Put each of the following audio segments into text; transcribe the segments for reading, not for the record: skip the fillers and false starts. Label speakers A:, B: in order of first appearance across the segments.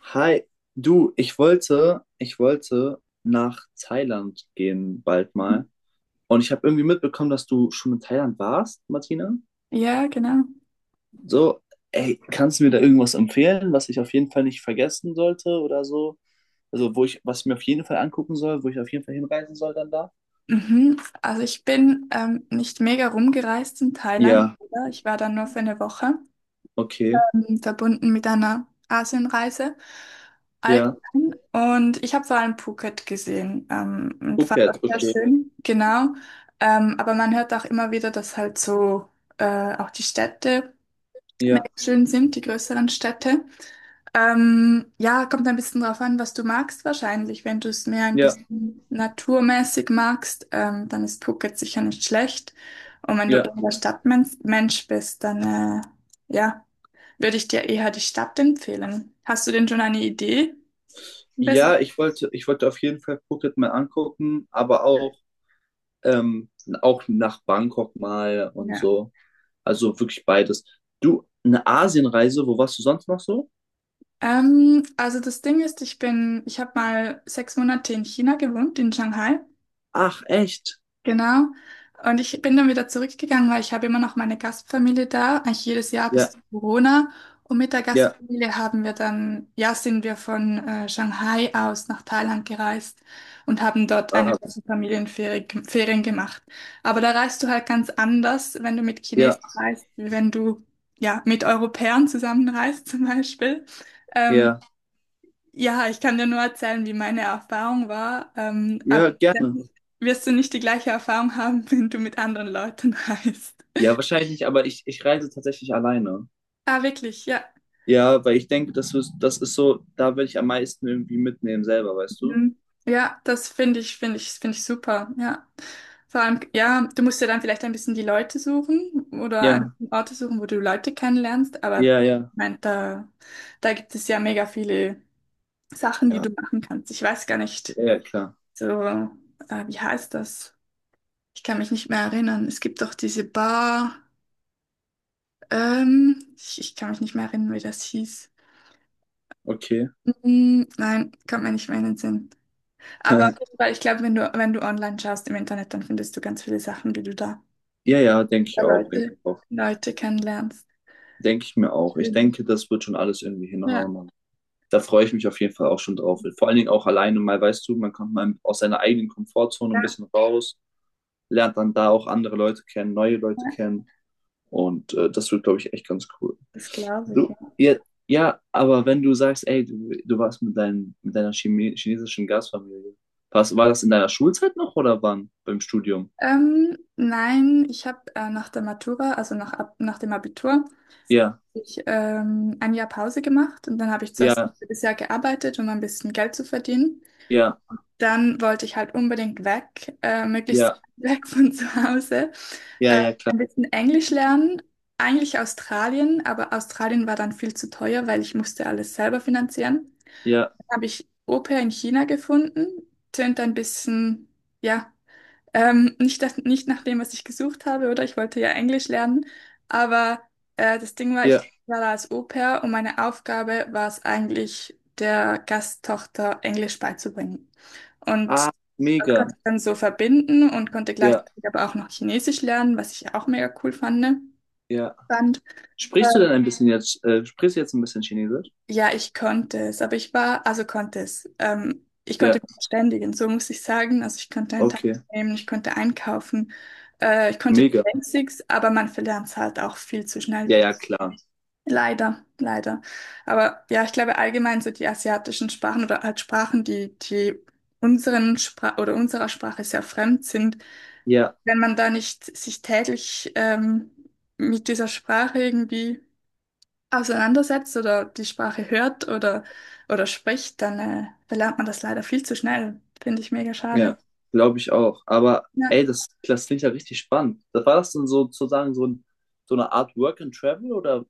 A: Hi, du, ich wollte nach Thailand gehen bald mal. Und ich habe irgendwie mitbekommen, dass du schon in Thailand warst, Martina.
B: Ja, genau.
A: So, ey, kannst du mir da irgendwas empfehlen, was ich auf jeden Fall nicht vergessen sollte oder so? Also, wo ich, was ich mir auf jeden Fall angucken soll, wo ich auf jeden Fall hinreisen soll dann da?
B: Mhm. Also ich bin nicht mega rumgereist in Thailand,
A: Ja,
B: oder? Ich war da nur für eine Woche,
A: okay.
B: verbunden mit einer Asienreise
A: Ja.
B: allgemein. Und ich habe vor allem Phuket gesehen und fand das
A: Phuket,
B: sehr
A: okay.
B: schön. Genau. Aber man hört auch immer wieder, dass halt so auch die Städte mega
A: Ja,
B: schön sind, die größeren Städte. Ja, kommt ein bisschen drauf an, was du magst wahrscheinlich. Wenn du es mehr ein
A: ja,
B: bisschen naturmäßig magst, dann ist Phuket sicher nicht schlecht. Und wenn du
A: ja.
B: eher der Stadtmensch Mensch bist, dann ja, würde ich dir eher die Stadt empfehlen. Hast du denn schon eine Idee? Ein bisschen?
A: Ja, ich wollte auf jeden Fall Phuket mal angucken, aber ähm, auch nach Bangkok mal und
B: Ja.
A: so. Also wirklich beides. Du, eine Asienreise, wo warst du sonst noch so?
B: Also das Ding ist, ich habe mal 6 Monate in China gewohnt, in Shanghai.
A: Ach, echt?
B: Genau. Und ich bin dann wieder zurückgegangen, weil ich habe immer noch meine Gastfamilie da, eigentlich jedes Jahr bis
A: Ja,
B: zu Corona. Und mit der
A: ja,
B: Gastfamilie haben wir dann, ja, sind wir von Shanghai aus nach Thailand gereist und haben dort eine
A: ah,
B: Woche Familienferien Ferien gemacht. Aber da reist du halt ganz anders, wenn du mit
A: ja,
B: Chinesen reist, wie wenn du, ja, mit Europäern zusammenreist zum Beispiel. Ähm,
A: ja,
B: ja, ich kann dir nur erzählen, wie meine Erfahrung war, aber
A: ja, gerne.
B: letztendlich wirst du nicht die gleiche Erfahrung haben, wenn du mit anderen Leuten reist.
A: Ja, wahrscheinlich nicht, aber ich reise tatsächlich alleine.
B: Ah, wirklich, ja.
A: Ja, weil ich denke, das ist so, da will ich am meisten irgendwie mitnehmen selber, weißt du?
B: Mhm. Ja, das finde ich super, ja. Vor allem, ja, du musst ja dann vielleicht ein bisschen die Leute suchen oder
A: Ja,
B: an Orte suchen, wo du Leute kennenlernst, aber ich
A: ja, ja.
B: mein, da gibt es ja mega viele Sachen, die
A: Ja,
B: du machen kannst. Ich weiß gar nicht,
A: ja, ja, klar.
B: so, wie heißt das? Ich kann mich nicht mehr erinnern. Es gibt doch diese Bar. Ich kann mich nicht mehr erinnern, wie das hieß.
A: Okay.
B: Hm, nein, kommt mir nicht mehr in den Sinn. Aber auf jeden Fall, ich glaube, wenn du, online schaust im Internet, dann findest du ganz viele Sachen, die du da
A: Ja, ja, denke
B: über
A: ich auch, denke
B: Leute,
A: ich auch.
B: Leute kennenlernst.
A: Denke ich mir auch. Ich
B: Schön.
A: denke, das wird schon alles irgendwie
B: Ja,
A: hinhauen. Da freue ich mich auf jeden Fall auch schon drauf. Vor allen Dingen auch alleine mal, weißt du, man kommt mal aus seiner eigenen Komfortzone ein
B: ja,
A: bisschen raus, lernt dann da auch andere Leute kennen, neue Leute
B: ja,
A: kennen. Und das wird, glaube ich, echt ganz cool.
B: das glaube ich.
A: Du,
B: Ja.
A: ja, ja, aber wenn du sagst, ey, du warst mit deiner Chime chinesischen Gastfamilie, war das in deiner Schulzeit noch oder wann? Beim Studium?
B: Nein, ich habe nach der Matura, also nach, nach dem Abitur,
A: Ja,
B: ein Jahr Pause gemacht und dann habe ich zuerst
A: ja,
B: ein halbes Jahr gearbeitet, um ein bisschen Geld zu verdienen.
A: ja,
B: Dann wollte ich halt unbedingt weg, möglichst
A: ja,
B: weit weg von zu Hause,
A: ja,
B: äh,
A: ja, klar.
B: ein bisschen Englisch lernen. Eigentlich Australien, aber Australien war dann viel zu teuer, weil ich musste alles selber finanzieren.
A: Ja,
B: Dann habe ich Au-pair in China gefunden. Tönt ein bisschen, ja. Nicht, das, nicht nach dem, was ich gesucht habe, oder? Ich wollte ja Englisch lernen, aber das Ding war, ich
A: ja.
B: war da als Au-pair und meine Aufgabe war es eigentlich, der Gasttochter Englisch beizubringen. Und
A: Ah,
B: das konnte
A: mega.
B: ich dann so verbinden und konnte
A: Ja,
B: gleichzeitig aber auch noch Chinesisch lernen, was ich auch mega cool fand.
A: ja.
B: fand.
A: Sprichst du denn ein bisschen jetzt, sprichst du jetzt ein bisschen Chinesisch?
B: Ja, ich konnte es, aber ich war, also konnte es. Ich
A: Ja,
B: konnte mich verständigen, so muss ich sagen. Also ich konnte einen Tag
A: okay.
B: nehmen, ich konnte einkaufen, ich konnte die
A: Mega.
B: Basics, aber man verlernt es halt auch viel zu schnell
A: Ja,
B: wieder.
A: ja, klar.
B: Leider, leider. Aber ja, ich glaube allgemein so die asiatischen Sprachen oder halt Sprachen, die, die unseren Spra oder unserer Sprache sehr fremd sind,
A: Ja,
B: wenn man da nicht sich täglich mit dieser Sprache irgendwie auseinandersetzt oder die Sprache hört oder spricht, dann verlernt man das leider viel zu schnell. Finde ich mega schade.
A: ja, glaube ich auch. Aber
B: Ja.
A: ey, das klingt ja richtig spannend. Das war das denn so, sozusagen so eine Art Work and Travel oder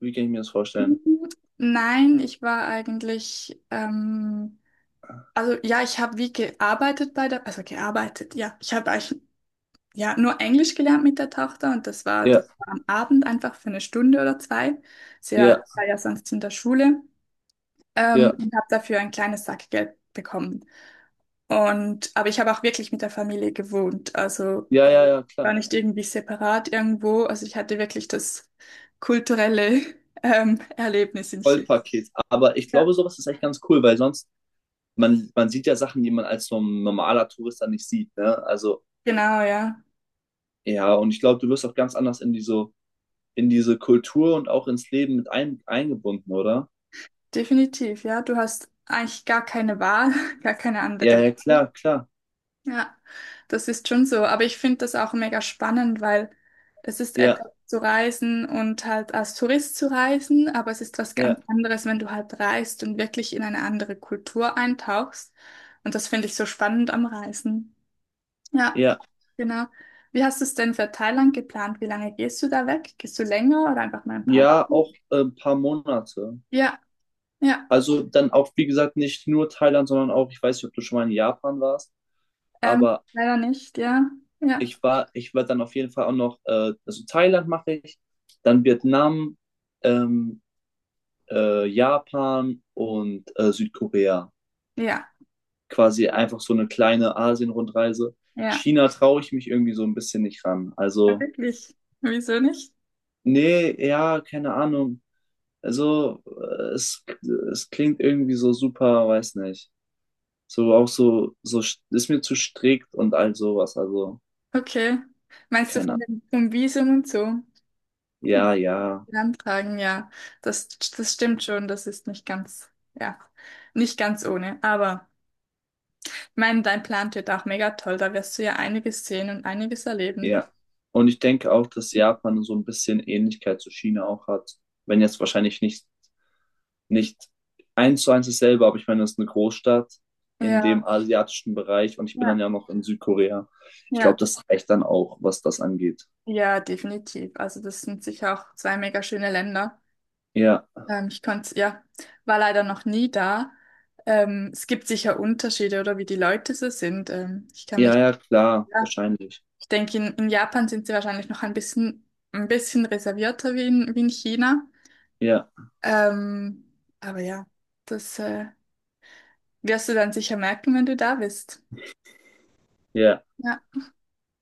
A: wie kann ich mir das vorstellen?
B: Nein, ich war eigentlich, also ja, ich habe wie gearbeitet bei der, also gearbeitet, ja, ich habe eigentlich ja nur Englisch gelernt mit der Tochter und das war,
A: Ja,
B: das war am Abend einfach für eine Stunde oder zwei. Sie war,
A: ja,
B: war ja sonst in der Schule
A: ja,
B: und habe dafür ein kleines Sackgeld bekommen. Und aber ich habe auch wirklich mit der Familie gewohnt, also
A: ja, ja, ja, klar.
B: war nicht irgendwie separat irgendwo. Also ich hatte wirklich das kulturelle Erlebnis in Chile.
A: Vollpaket. Aber ich
B: Ja.
A: glaube, sowas ist echt ganz cool, weil sonst, man sieht ja Sachen, die man als so ein normaler Tourist dann nicht sieht, ne? Also,
B: Genau, ja.
A: ja, und ich glaube, du wirst auch ganz anders in diese Kultur und auch ins Leben eingebunden, oder?
B: Definitiv, ja. Du hast eigentlich gar keine Wahl, gar keine
A: Ja,
B: andere
A: ja,
B: Wahl.
A: klar, klar.
B: Ja, das ist schon so. Aber ich finde das auch mega spannend, weil es ist
A: Ja,
B: etwas zu reisen und halt als Tourist zu reisen, aber es ist was ganz
A: ja.
B: anderes, wenn du halt reist und wirklich in eine andere Kultur eintauchst. Und das finde ich so spannend am Reisen. Ja,
A: Ja,
B: genau. Wie hast du es denn für Thailand geplant? Wie lange gehst du da weg? Gehst du länger oder einfach mal ein paar
A: ja,
B: Wochen?
A: auch ein paar Monate.
B: Ja, ja.
A: Also dann auch, wie gesagt, nicht nur Thailand, sondern auch, ich weiß nicht, ob du schon mal in Japan warst, aber
B: Leider nicht, ja. Ja,
A: ich war dann auf jeden Fall auch noch, also Thailand mache ich, dann Vietnam, ähm, Japan und Südkorea.
B: ja,
A: Quasi einfach so eine kleine Asien-Rundreise.
B: ja.
A: China traue ich mich irgendwie so ein bisschen nicht ran.
B: Ja,
A: Also,
B: wirklich. Wieso nicht?
A: nee, ja, keine Ahnung. Also, es klingt irgendwie so super, weiß nicht. So auch so ist mir zu strikt und all sowas. Also,
B: Okay. Meinst du
A: keine
B: von
A: Ahnung.
B: dem, vom Visum und so?
A: Ja, ja,
B: Den Antragen, ja. Das stimmt schon. Das ist nicht ganz, ja, nicht ganz ohne. Aber ich meine, dein Plan wird auch mega toll. Da wirst du ja einiges sehen und einiges erleben.
A: ja. Und ich denke auch, dass Japan so ein bisschen Ähnlichkeit zu China auch hat. Wenn jetzt wahrscheinlich nicht eins zu eins dasselbe, aber ich meine, das ist eine Großstadt in
B: Ja,
A: dem asiatischen Bereich und ich bin dann
B: ja,
A: ja noch in Südkorea. Ich glaube,
B: ja.
A: das reicht dann auch, was das angeht.
B: Ja, definitiv. Also das sind sicher auch zwei mega schöne Länder.
A: Ja,
B: Ich konnte, ja, war leider noch nie da. Es gibt sicher Unterschiede oder wie die Leute so sind. Ich kann
A: ja,
B: mich,
A: ja, klar,
B: ja,
A: wahrscheinlich.
B: ich denke, in, Japan sind sie wahrscheinlich noch ein bisschen reservierter wie in China.
A: Ja,
B: Ähm, aber ja, das wirst du dann sicher merken, wenn du da bist.
A: ja.
B: Ja,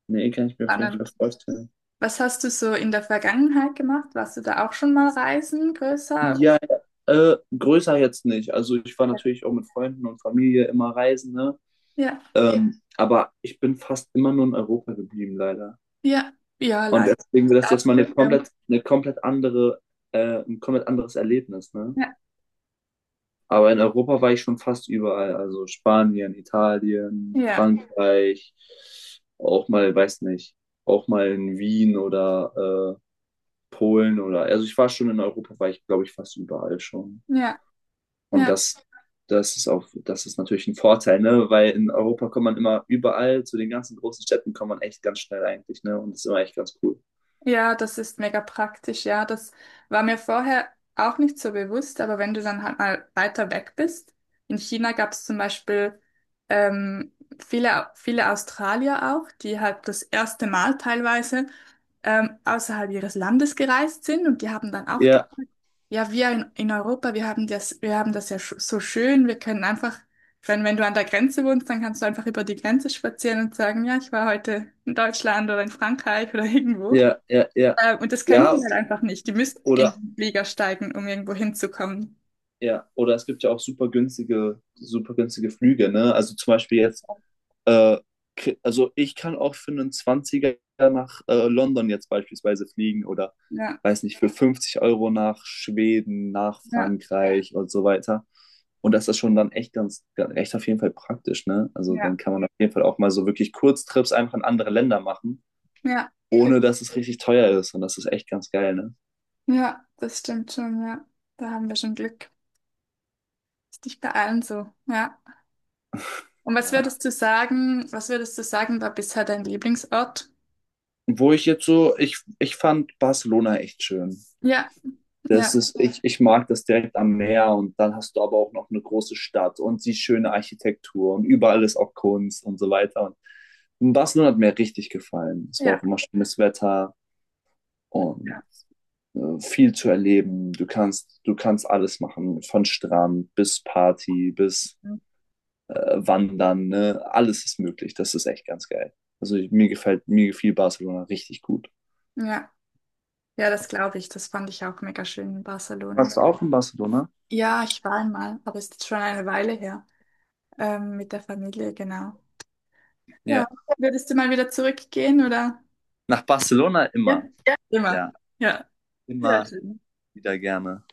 A: Nee, kann ich mir auf jeden Fall
B: spannend.
A: vorstellen.
B: Was hast du so in der Vergangenheit gemacht? Warst du da auch schon mal reisen, größer?
A: Ja. Größer jetzt nicht. Also ich war natürlich auch mit Freunden und Familie immer reisen, ne?
B: Ja.
A: Ja. Aber ich bin fast immer nur in Europa geblieben, leider.
B: Ja, ja,
A: Und
B: leider,
A: deswegen
B: nicht
A: wird das jetzt mal
B: abgenommen.
A: ein komplett anderes Erlebnis, ne?
B: Ja,
A: Aber in Europa war ich schon fast überall. Also Spanien, Italien,
B: ja,
A: Frankreich, auch mal, weiß nicht, auch mal in Wien oder Polen oder, also ich war schon in Europa, war ich, glaube ich, fast überall schon.
B: ja,
A: Und
B: ja.
A: das, das ist auch, das ist natürlich ein Vorteil, ne? Weil in Europa kommt man immer überall, zu den ganzen großen Städten kommt man echt ganz schnell eigentlich, ne? Und das ist immer echt ganz cool.
B: Ja, das ist mega praktisch, ja. Das war mir vorher auch nicht so bewusst, aber wenn du dann halt mal weiter weg bist, in China gab es zum Beispiel ähm, viele, viele Australier auch, die halt das erste Mal teilweise außerhalb ihres Landes gereist sind und die haben dann auch gesagt,
A: Ja,
B: ja, wir in, Europa, wir haben das ja sch so schön, wir können einfach, wenn du an der Grenze wohnst, dann kannst du einfach über die Grenze spazieren und sagen, ja, ich war heute in Deutschland oder in Frankreich oder irgendwo.
A: ja, ja, ja.
B: Und das können
A: Ja,
B: die halt einfach nicht. Die müssen in
A: oder
B: den Flieger steigen, um irgendwo hinzukommen.
A: ja, oder es gibt ja auch super günstige Flüge, ne? Also zum Beispiel jetzt Äh, also ich kann auch für einen Zwanziger nach London jetzt beispielsweise fliegen oder
B: Ja,
A: weiß nicht, für 50 € nach Schweden, nach
B: ja,
A: Frankreich und so weiter. Und das ist schon dann echt auf jeden Fall praktisch, ne? Also dann
B: ja,
A: kann man auf jeden Fall auch mal so wirklich Kurztrips einfach in andere Länder machen,
B: ja.
A: ohne dass es richtig teuer ist. Und das ist echt ganz geil, ne?
B: Ja, das stimmt schon, ja. Da haben wir schon Glück. Ist nicht bei allen so, ja. Und was
A: Ja.
B: würdest du sagen, was würdest du sagen, war bisher dein Lieblingsort?
A: Wo ich jetzt so, ich fand Barcelona echt schön.
B: Ja,
A: Das
B: ja,
A: ist, ich, ich mag das direkt am Meer und dann hast du aber auch noch eine große Stadt und die schöne Architektur und überall ist auch Kunst und so weiter. Und Barcelona hat mir richtig gefallen. Es war
B: ja,
A: auch immer schönes Wetter
B: ja.
A: und viel zu erleben. Du kannst alles machen, von Strand bis Party, bis Wandern, ne? Alles ist möglich. Das ist echt ganz geil. Also mir gefällt, mir gefiel Barcelona richtig gut.
B: Ja, ja, das glaube ich. Das fand ich auch mega schön in Barcelona.
A: Warst du auch in Barcelona?
B: Ja, ich war einmal, aber ist jetzt schon eine Weile her. Mit der Familie, genau. Ja,
A: Ja.
B: würdest du mal wieder zurückgehen, oder?
A: Nach Barcelona
B: Ja,
A: immer.
B: immer.
A: Ja,
B: Ja, sehr
A: immer
B: schön.
A: wieder gerne.